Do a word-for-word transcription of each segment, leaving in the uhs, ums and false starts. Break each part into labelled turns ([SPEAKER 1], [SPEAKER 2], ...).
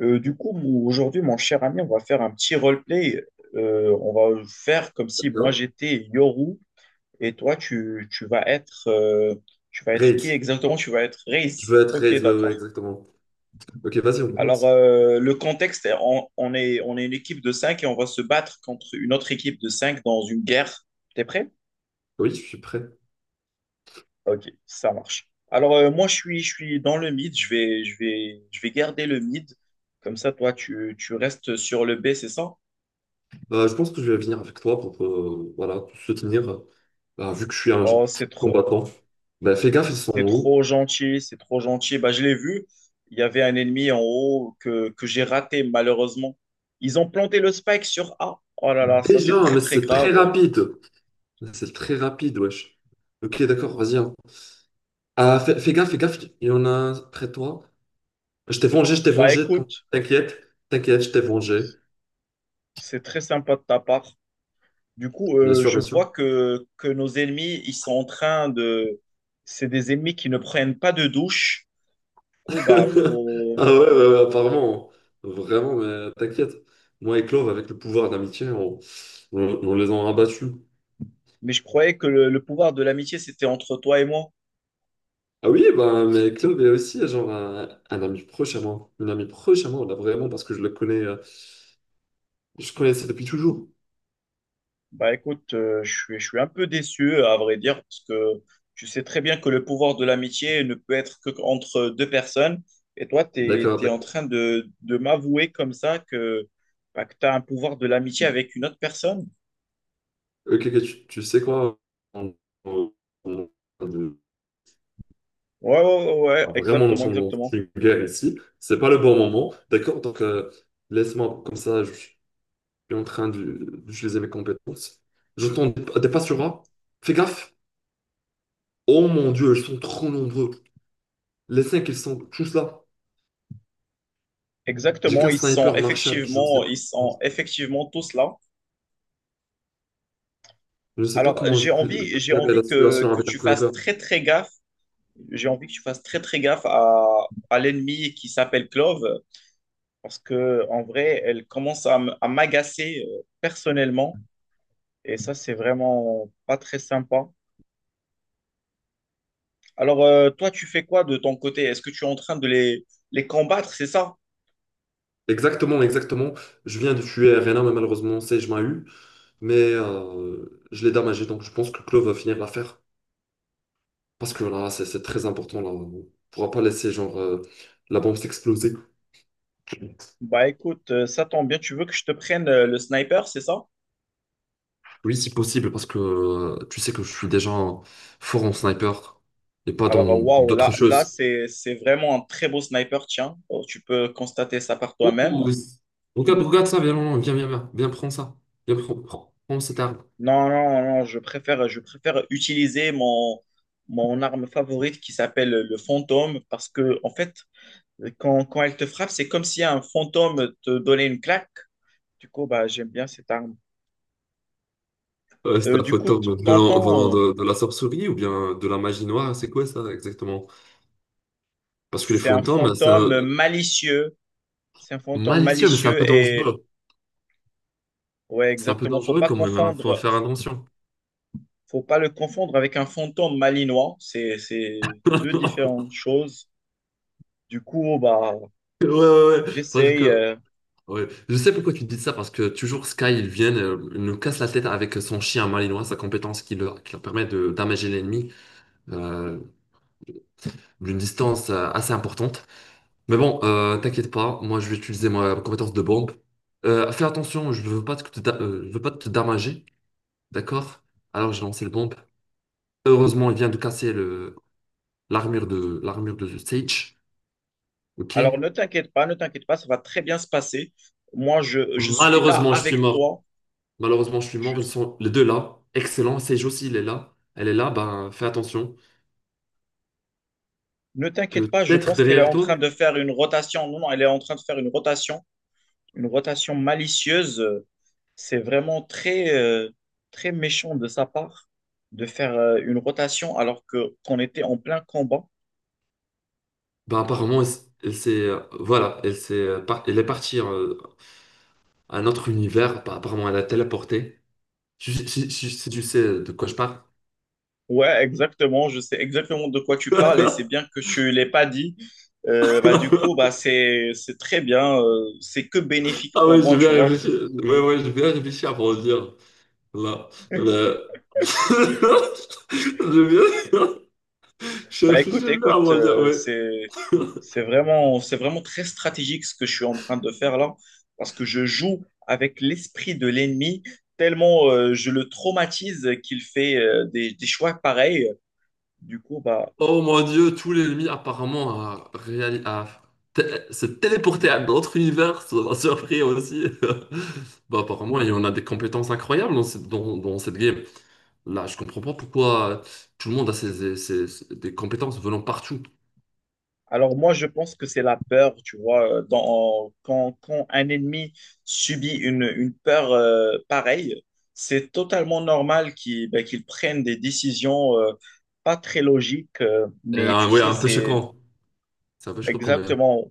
[SPEAKER 1] Euh, du coup, mon- aujourd'hui, mon cher ami, on va faire un petit roleplay. Euh, on va faire comme si moi
[SPEAKER 2] Non?
[SPEAKER 1] j'étais Yoru et toi tu, tu vas être euh, tu vas être qui
[SPEAKER 2] Rate.
[SPEAKER 1] exactement? Tu vas être
[SPEAKER 2] Je
[SPEAKER 1] Reis.
[SPEAKER 2] veux être
[SPEAKER 1] Ok,
[SPEAKER 2] rate, ouais, ouais,
[SPEAKER 1] d'accord.
[SPEAKER 2] exactement. Ok, vas-y, on
[SPEAKER 1] Alors
[SPEAKER 2] commence.
[SPEAKER 1] euh, le contexte, on, on est on est une équipe de cinq et on va se battre contre une autre équipe de cinq dans une guerre. T'es prêt?
[SPEAKER 2] Oui, je suis prêt.
[SPEAKER 1] Ok, ça marche. Alors euh, moi je suis je suis dans le mid. Je vais je vais je vais garder le mid. Comme ça, toi tu tu restes sur le B, c'est ça?
[SPEAKER 2] Euh, je pense que je vais venir avec toi pour euh, voilà, te soutenir, euh, euh, vu que je suis un
[SPEAKER 1] Oh, c'est trop.
[SPEAKER 2] combattant. Bah, fais gaffe, ils sont
[SPEAKER 1] C'est
[SPEAKER 2] hauts.
[SPEAKER 1] trop gentil, c'est trop gentil. Bah, je l'ai vu, il y avait un ennemi en haut que, que j'ai raté malheureusement. Ils ont planté le spike sur A. Oh là là, ça c'est
[SPEAKER 2] Déjà,
[SPEAKER 1] très
[SPEAKER 2] mais
[SPEAKER 1] très
[SPEAKER 2] c'est très
[SPEAKER 1] grave.
[SPEAKER 2] rapide. C'est très rapide, wesh. Ok, d'accord, vas-y. hein. Ah, fais, fais gaffe, fais gaffe, il y en a un près de toi. Je t'ai vengé, je t'ai
[SPEAKER 1] Bah
[SPEAKER 2] vengé,
[SPEAKER 1] écoute,
[SPEAKER 2] t'inquiète, t'inquiète, je t'ai vengé.
[SPEAKER 1] c'est très sympa de ta part. Du coup,
[SPEAKER 2] Bien
[SPEAKER 1] euh,
[SPEAKER 2] sûr,
[SPEAKER 1] je
[SPEAKER 2] bien sûr.
[SPEAKER 1] vois que, que nos ennemis, ils sont en train de... C'est des ennemis qui ne prennent pas de douche. Du coup, bah faut...
[SPEAKER 2] Ah ouais, ouais, ouais,
[SPEAKER 1] faut-
[SPEAKER 2] apparemment, vraiment, mais t'inquiète. Moi et Clove, avec le pouvoir d'amitié, on, on- on les a rabattus.
[SPEAKER 1] Mais je croyais que le, le pouvoir de l'amitié, c'était entre toi et moi.
[SPEAKER 2] Ah oui, bah, mais Clove est aussi genre un, un ami proche à moi. Une amie proche à moi, là, vraiment, parce que je le connais, euh, je connaissais depuis toujours.
[SPEAKER 1] Bah écoute, euh, je suis, je suis un peu déçu, à vrai dire, parce que tu sais très bien que le pouvoir de l'amitié ne peut être que entre deux personnes. Et toi, tu
[SPEAKER 2] D'accord,
[SPEAKER 1] es, en
[SPEAKER 2] d'accord.
[SPEAKER 1] train de, de m'avouer comme ça que, bah, que tu as un pouvoir de l'amitié avec une autre personne.
[SPEAKER 2] Ok, ok, tu, tu sais quoi? On- on- on- on-
[SPEAKER 1] Ouais, ouais, ouais, ouais,
[SPEAKER 2] Vraiment, nous
[SPEAKER 1] exactement,
[SPEAKER 2] sommes dans
[SPEAKER 1] exactement.
[SPEAKER 2] une guerre ici. C'est pas le bon moment. D'accord, donc euh, laisse-moi comme ça, je, suis en train de- d'utiliser mes compétences. J'entends des, des pas sur A. Fais gaffe. Oh mon Dieu, ils sont trop nombreux. Les cinq, ils sont tous là. J'ai
[SPEAKER 1] Exactement,
[SPEAKER 2] qu'un
[SPEAKER 1] ils sont
[SPEAKER 2] sniper Marshall. Je ne sais
[SPEAKER 1] effectivement,
[SPEAKER 2] pas,
[SPEAKER 1] ils sont effectivement tous là.
[SPEAKER 2] je ne sais pas
[SPEAKER 1] Alors,
[SPEAKER 2] comment je
[SPEAKER 1] j'ai
[SPEAKER 2] peux, je
[SPEAKER 1] envie,
[SPEAKER 2] peux
[SPEAKER 1] j'ai
[SPEAKER 2] gérer la
[SPEAKER 1] envie que,
[SPEAKER 2] situation
[SPEAKER 1] que
[SPEAKER 2] avec un
[SPEAKER 1] tu fasses
[SPEAKER 2] sniper.
[SPEAKER 1] très, très gaffe. J'ai envie que tu fasses très, très gaffe à, à l'ennemi qui s'appelle Clove, parce que en vrai, elle commence à m- à m'agacer euh, personnellement et ça, c'est vraiment pas très sympa. Alors, euh, toi, tu fais quoi de ton côté? Est-ce que tu es en train de les, les combattre, c'est ça?
[SPEAKER 2] Exactement, exactement. Je viens de tuer Reyna, mais malheureusement, Sage m'a eu. Mais euh, je l'ai damagé, donc je pense que Claude va finir l'affaire. Parce que là, c'est c'est très important. Là. On ne pourra pas laisser genre, euh, la bombe s'exploser.
[SPEAKER 1] Bah écoute, euh, ça tombe bien, tu veux que je te prenne euh, le sniper, c'est ça?
[SPEAKER 2] Oui, si possible, parce que euh, tu sais que je suis déjà fort en sniper et pas dans
[SPEAKER 1] Alors, euh, waouh, là,
[SPEAKER 2] d'autres
[SPEAKER 1] là
[SPEAKER 2] choses.
[SPEAKER 1] c'est, c'est vraiment un très beau sniper, tiens. Oh, tu peux constater ça par
[SPEAKER 2] Oh,
[SPEAKER 1] toi-même.
[SPEAKER 2] oui. regarde, regarde ça, viens, viens, viens, viens, viens, viens, prends ça. Viens, prends, prends, prends cette arme.
[SPEAKER 1] Non, non, non, je préfère, je préfère utiliser mon, mon arme favorite qui s'appelle le fantôme parce que, en fait, Quand, quand elle te frappe, c'est comme si un fantôme te donnait une claque. Du coup, bah, j'aime bien cette arme.
[SPEAKER 2] Euh, c'est
[SPEAKER 1] Euh,
[SPEAKER 2] un
[SPEAKER 1] du coup, t-
[SPEAKER 2] fantôme venant, venant
[SPEAKER 1] t'entends, euh,
[SPEAKER 2] de, de la sorcellerie ou bien de la magie noire, c'est quoi ça exactement? Parce que les
[SPEAKER 1] c'est un
[SPEAKER 2] fantômes, c'est un...
[SPEAKER 1] fantôme malicieux. C'est un fantôme
[SPEAKER 2] malicieux, mais c'est un
[SPEAKER 1] malicieux
[SPEAKER 2] peu
[SPEAKER 1] et
[SPEAKER 2] dangereux.
[SPEAKER 1] ouais,
[SPEAKER 2] C'est un peu
[SPEAKER 1] exactement. Faut
[SPEAKER 2] dangereux
[SPEAKER 1] pas
[SPEAKER 2] quand même, il faut
[SPEAKER 1] confondre,
[SPEAKER 2] faire attention.
[SPEAKER 1] faut pas le confondre avec un fantôme malinois. C'est, c'est deux différentes choses. Du coup, bah,
[SPEAKER 2] Ouais, ouais, ouais, parce
[SPEAKER 1] j'essaye.
[SPEAKER 2] que
[SPEAKER 1] euh,
[SPEAKER 2] Ouais, je sais pourquoi tu dis ça, parce que toujours Sky, il vient, euh, il nous casse la tête avec son chien malinois, sa compétence qui leur, qui leur permet de damager l'ennemi euh, d'une distance euh, assez importante. Mais bon, euh, t'inquiète pas, moi je vais utiliser ma compétence de bombe. Euh, fais attention, je veux pas te, da- euh, je veux pas te damager, d'accord? Alors j'ai lancé le bombe. Heureusement, il vient de casser le, l'armure de, l'armure de Sage, ok?
[SPEAKER 1] Alors, ne t'inquiète pas, ne t'inquiète pas, ça va très bien se passer. Moi, je, je suis là
[SPEAKER 2] Malheureusement, je suis
[SPEAKER 1] avec
[SPEAKER 2] mort.
[SPEAKER 1] toi.
[SPEAKER 2] Malheureusement, je suis
[SPEAKER 1] Je
[SPEAKER 2] mort. Ils sont les deux là. Excellent. Sage aussi, il est là. Elle est là. Ben, fais attention.
[SPEAKER 1] Ne t'inquiète pas, je
[SPEAKER 2] Peut-être
[SPEAKER 1] pense qu'elle est
[SPEAKER 2] derrière
[SPEAKER 1] en
[SPEAKER 2] toi.
[SPEAKER 1] train de faire une rotation. Non, non, elle est en train de faire une rotation, une rotation malicieuse. Euh, C'est vraiment très, euh, très méchant de sa part de faire euh, une rotation alors que qu'on était en plein combat.
[SPEAKER 2] Ben, apparemment, elle, s- elle s'est, euh, voilà, elle s'est, euh, par- elle est partie euh, à un autre univers. Ben, apparemment, elle a téléporté. Si, si- si- si tu sais de quoi je parle.
[SPEAKER 1] Ouais, exactement. Je sais exactement de quoi tu parles et c'est bien que tu l'aies pas dit. Euh, bah, du coup, bah, c'est, c'est très bien. Euh, c'est que bénéfique
[SPEAKER 2] Ah
[SPEAKER 1] pour
[SPEAKER 2] oui.
[SPEAKER 1] moi, tu vois.
[SPEAKER 2] Là, là. Je viens. Je
[SPEAKER 1] Bah,
[SPEAKER 2] je
[SPEAKER 1] écoute,
[SPEAKER 2] viens à
[SPEAKER 1] écoute,
[SPEAKER 2] moi dire,
[SPEAKER 1] euh,
[SPEAKER 2] oui.
[SPEAKER 1] c'est, c'est vraiment, c'est vraiment très stratégique ce que je suis en train de faire là, parce que je joue avec l'esprit de l'ennemi, tellement euh, je le traumatise qu'il fait euh, des, des choix pareils. Du coup, bah,
[SPEAKER 2] Oh mon Dieu, tout l'ennemi apparemment a, réali- a té- se téléporté à d'autres univers, ça m'a surpris aussi. Bah, apparemment, il y en a des compétences incroyables dans cette, dans, dans cette game. Là, je comprends pas pourquoi tout le monde a ses- ses- ses- ses- des compétences venant partout.
[SPEAKER 1] alors moi, je pense que c'est la peur, tu vois, euh, dans, quand, quand un ennemi subit une, une peur euh, pareille, c'est totalement normal qu'il ben, qu'il prenne des décisions euh, pas très logiques, euh,
[SPEAKER 2] Et,
[SPEAKER 1] mais
[SPEAKER 2] euh,
[SPEAKER 1] tu
[SPEAKER 2] ouais,
[SPEAKER 1] sais,
[SPEAKER 2] un peu
[SPEAKER 1] c'est
[SPEAKER 2] choquant. C'est un peu choquant quand même.
[SPEAKER 1] exactement,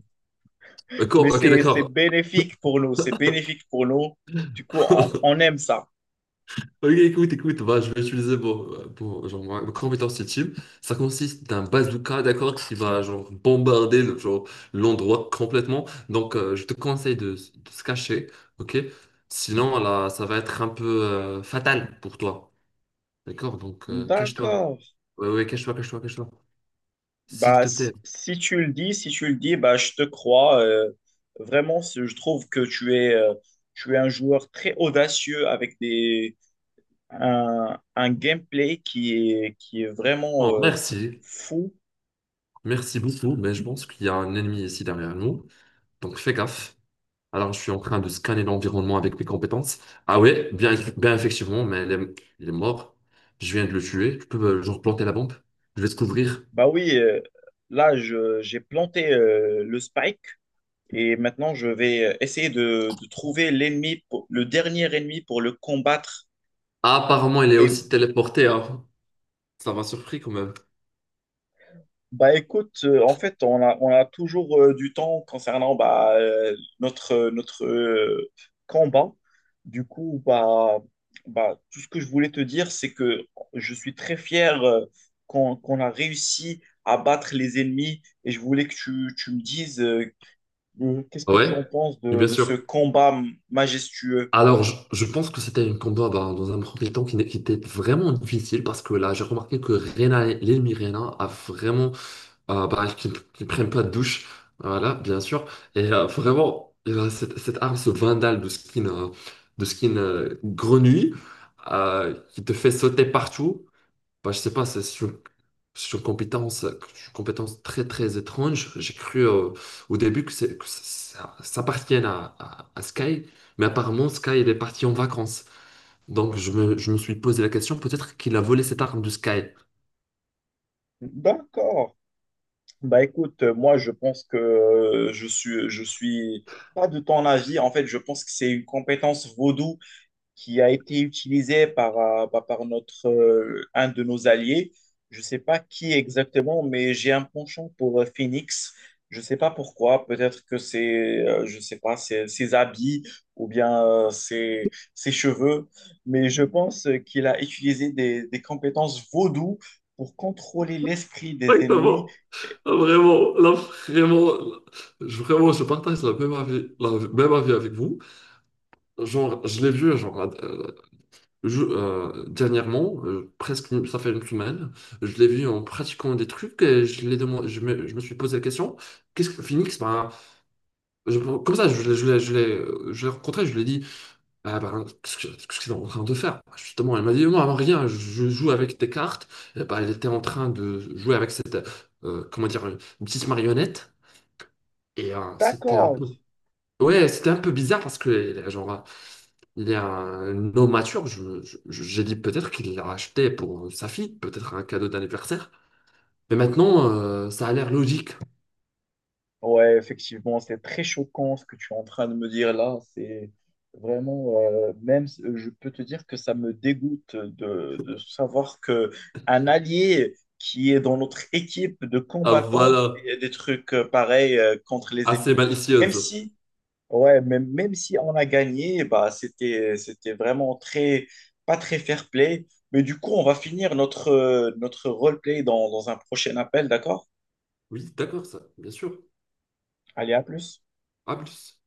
[SPEAKER 1] mais
[SPEAKER 2] D'accord, ok,
[SPEAKER 1] c'est, c'est
[SPEAKER 2] d'accord.
[SPEAKER 1] bénéfique pour nous, c'est bénéfique pour nous, du coup, on, on aime ça.
[SPEAKER 2] Ok, écoute, écoute, bah, je vais utiliser mon, euh, pour, genre, ma ma compétence ultime. Ça consiste d'un bazooka, d'accord, qui va genre, bombarder le- genre, l'endroit complètement. Donc, euh, je te conseille de, s- de se cacher, ok? Sinon, là, ça va être un peu euh, fatal pour toi, d'accord? Donc, euh, cache-toi.
[SPEAKER 1] D'accord.
[SPEAKER 2] Oui, oui, cache-toi, cache-toi, cache-toi. S'il
[SPEAKER 1] Bah,
[SPEAKER 2] te
[SPEAKER 1] s-
[SPEAKER 2] plaît.
[SPEAKER 1] si tu le dis, si tu le dis, bah, je te crois. Euh, vraiment, c'est- je trouve que tu es, euh, tu es un joueur très audacieux avec des, un, un gameplay qui est, qui est vraiment
[SPEAKER 2] Oh,
[SPEAKER 1] euh,
[SPEAKER 2] merci.
[SPEAKER 1] fou.
[SPEAKER 2] Merci beaucoup, mais je pense qu'il y a un ennemi ici derrière nous. Donc, fais gaffe. Alors, je suis en train de scanner l'environnement avec mes compétences. Ah ouais, bien, bien effectivement, mais il est, il est mort. Je viens de le tuer. Tu peux, euh, genre, planter la bombe. Je vais se couvrir.
[SPEAKER 1] Bah oui, euh, là, je- j'ai planté euh, le spike et maintenant, je vais euh, essayer de, de trouver l'ennemi, pour- le dernier ennemi pour le combattre.
[SPEAKER 2] Ah, apparemment, il est aussi téléporté. hein. Ça m'a surpris quand même.
[SPEAKER 1] Bah écoute, euh, en fait, on a, on a toujours euh, du temps concernant bah, euh, notre, euh, notre euh, combat. Du coup, bah, bah, tout ce que je voulais te dire, c'est que je suis très fier euh, qu'on, qu'on a réussi à battre les ennemis et je voulais que tu, tu me dises euh, euh, qu'est-ce
[SPEAKER 2] Ah
[SPEAKER 1] que tu
[SPEAKER 2] ouais,
[SPEAKER 1] en penses
[SPEAKER 2] oui,
[SPEAKER 1] de,
[SPEAKER 2] bien
[SPEAKER 1] de ce
[SPEAKER 2] sûr.
[SPEAKER 1] combat majestueux.
[SPEAKER 2] Alors, je, je pense que c'était un combat bah, dans un premier temps qui, n'est- qui était vraiment difficile parce que là, j'ai remarqué que Reyna, l'ennemi Reyna, a vraiment ah bah, qui ne prennent pas de douche, voilà, bien sûr. Et euh, vraiment, euh, cette, cette arme, ce vandal de skin, euh, de skin euh, grenouille, euh, qui te fait sauter partout, bah, je sais pas, c'est c'est une, c'est une compétence, euh, une compétence très très étrange. J'ai cru euh, au début que, c'est- que ça, ça appartienne à, à- à Sky, mais apparemment Sky, il est parti en vacances. Donc je me, je me suis posé la question, peut-être qu'il a volé cette arme de Sky.
[SPEAKER 1] D'accord. Bah écoute, euh, moi je pense que euh, je suis, je suis pas de ton avis. En fait, je pense que c'est une compétence vaudou qui a été utilisée par, euh, bah, par notre, euh, un de nos alliés. Je sais pas qui exactement, mais j'ai un penchant pour euh, Phoenix. Je sais pas pourquoi. Peut-être que c'est, euh, je sais pas, ses, ses habits ou bien euh, ses, ses cheveux. Mais je pense euh, qu'il a utilisé des, des compétences vaudou pour contrôler l'esprit des ennemis.
[SPEAKER 2] Exactement. Vraiment, là, vraiment, là, je, vraiment, je partage la même avis, la même avis avec vous. Genre, je l'ai vu, genre, euh, je- euh, dernièrement, euh, presque, une- ça fait une semaine, je l'ai vu en pratiquant des trucs et je l'ai demandé, je me, je me suis posé la question, qu'est-ce que Phoenix, ben, je- comme ça, je l'ai, je l'ai, je l'ai, euh, je l'ai rencontré, je lui ai dit, ah ben, qu'est-ce que qu'est-ce que c'est en train de faire? Bah, justement, elle m'a dit, non, rien, je joue avec tes cartes. Eh ben, elle était en train de jouer avec cette, euh, comment dire, une petite marionnette. Et euh, c'était un
[SPEAKER 1] D'accord.
[SPEAKER 2] peu. Ouais, c'était un peu bizarre parce que, euh, genre, il est un homme mature, je, je- je- j'ai dit peut-être qu'il l'a acheté pour sa fille, peut-être un cadeau d'anniversaire. Mais maintenant, euh, ça a l'air logique.
[SPEAKER 1] Ouais, effectivement, c'est très choquant ce que tu es en train de me dire là. C'est vraiment, euh, même, euh, je peux te dire que ça me dégoûte de, de savoir que un allié qui est dans notre équipe de
[SPEAKER 2] Ah
[SPEAKER 1] combattants
[SPEAKER 2] voilà,
[SPEAKER 1] fait des trucs euh, pareils euh, contre les
[SPEAKER 2] assez
[SPEAKER 1] ennemis. Même
[SPEAKER 2] malicieuse.
[SPEAKER 1] si, ouais, même, même si on a gagné, bah, c'était, c'était vraiment très, pas très fair-play. Mais du coup, on va finir notre, euh, notre roleplay dans, dans un prochain appel, d'accord?
[SPEAKER 2] Oui, d'accord, ça, bien sûr.
[SPEAKER 1] Allez, à plus.
[SPEAKER 2] À plus.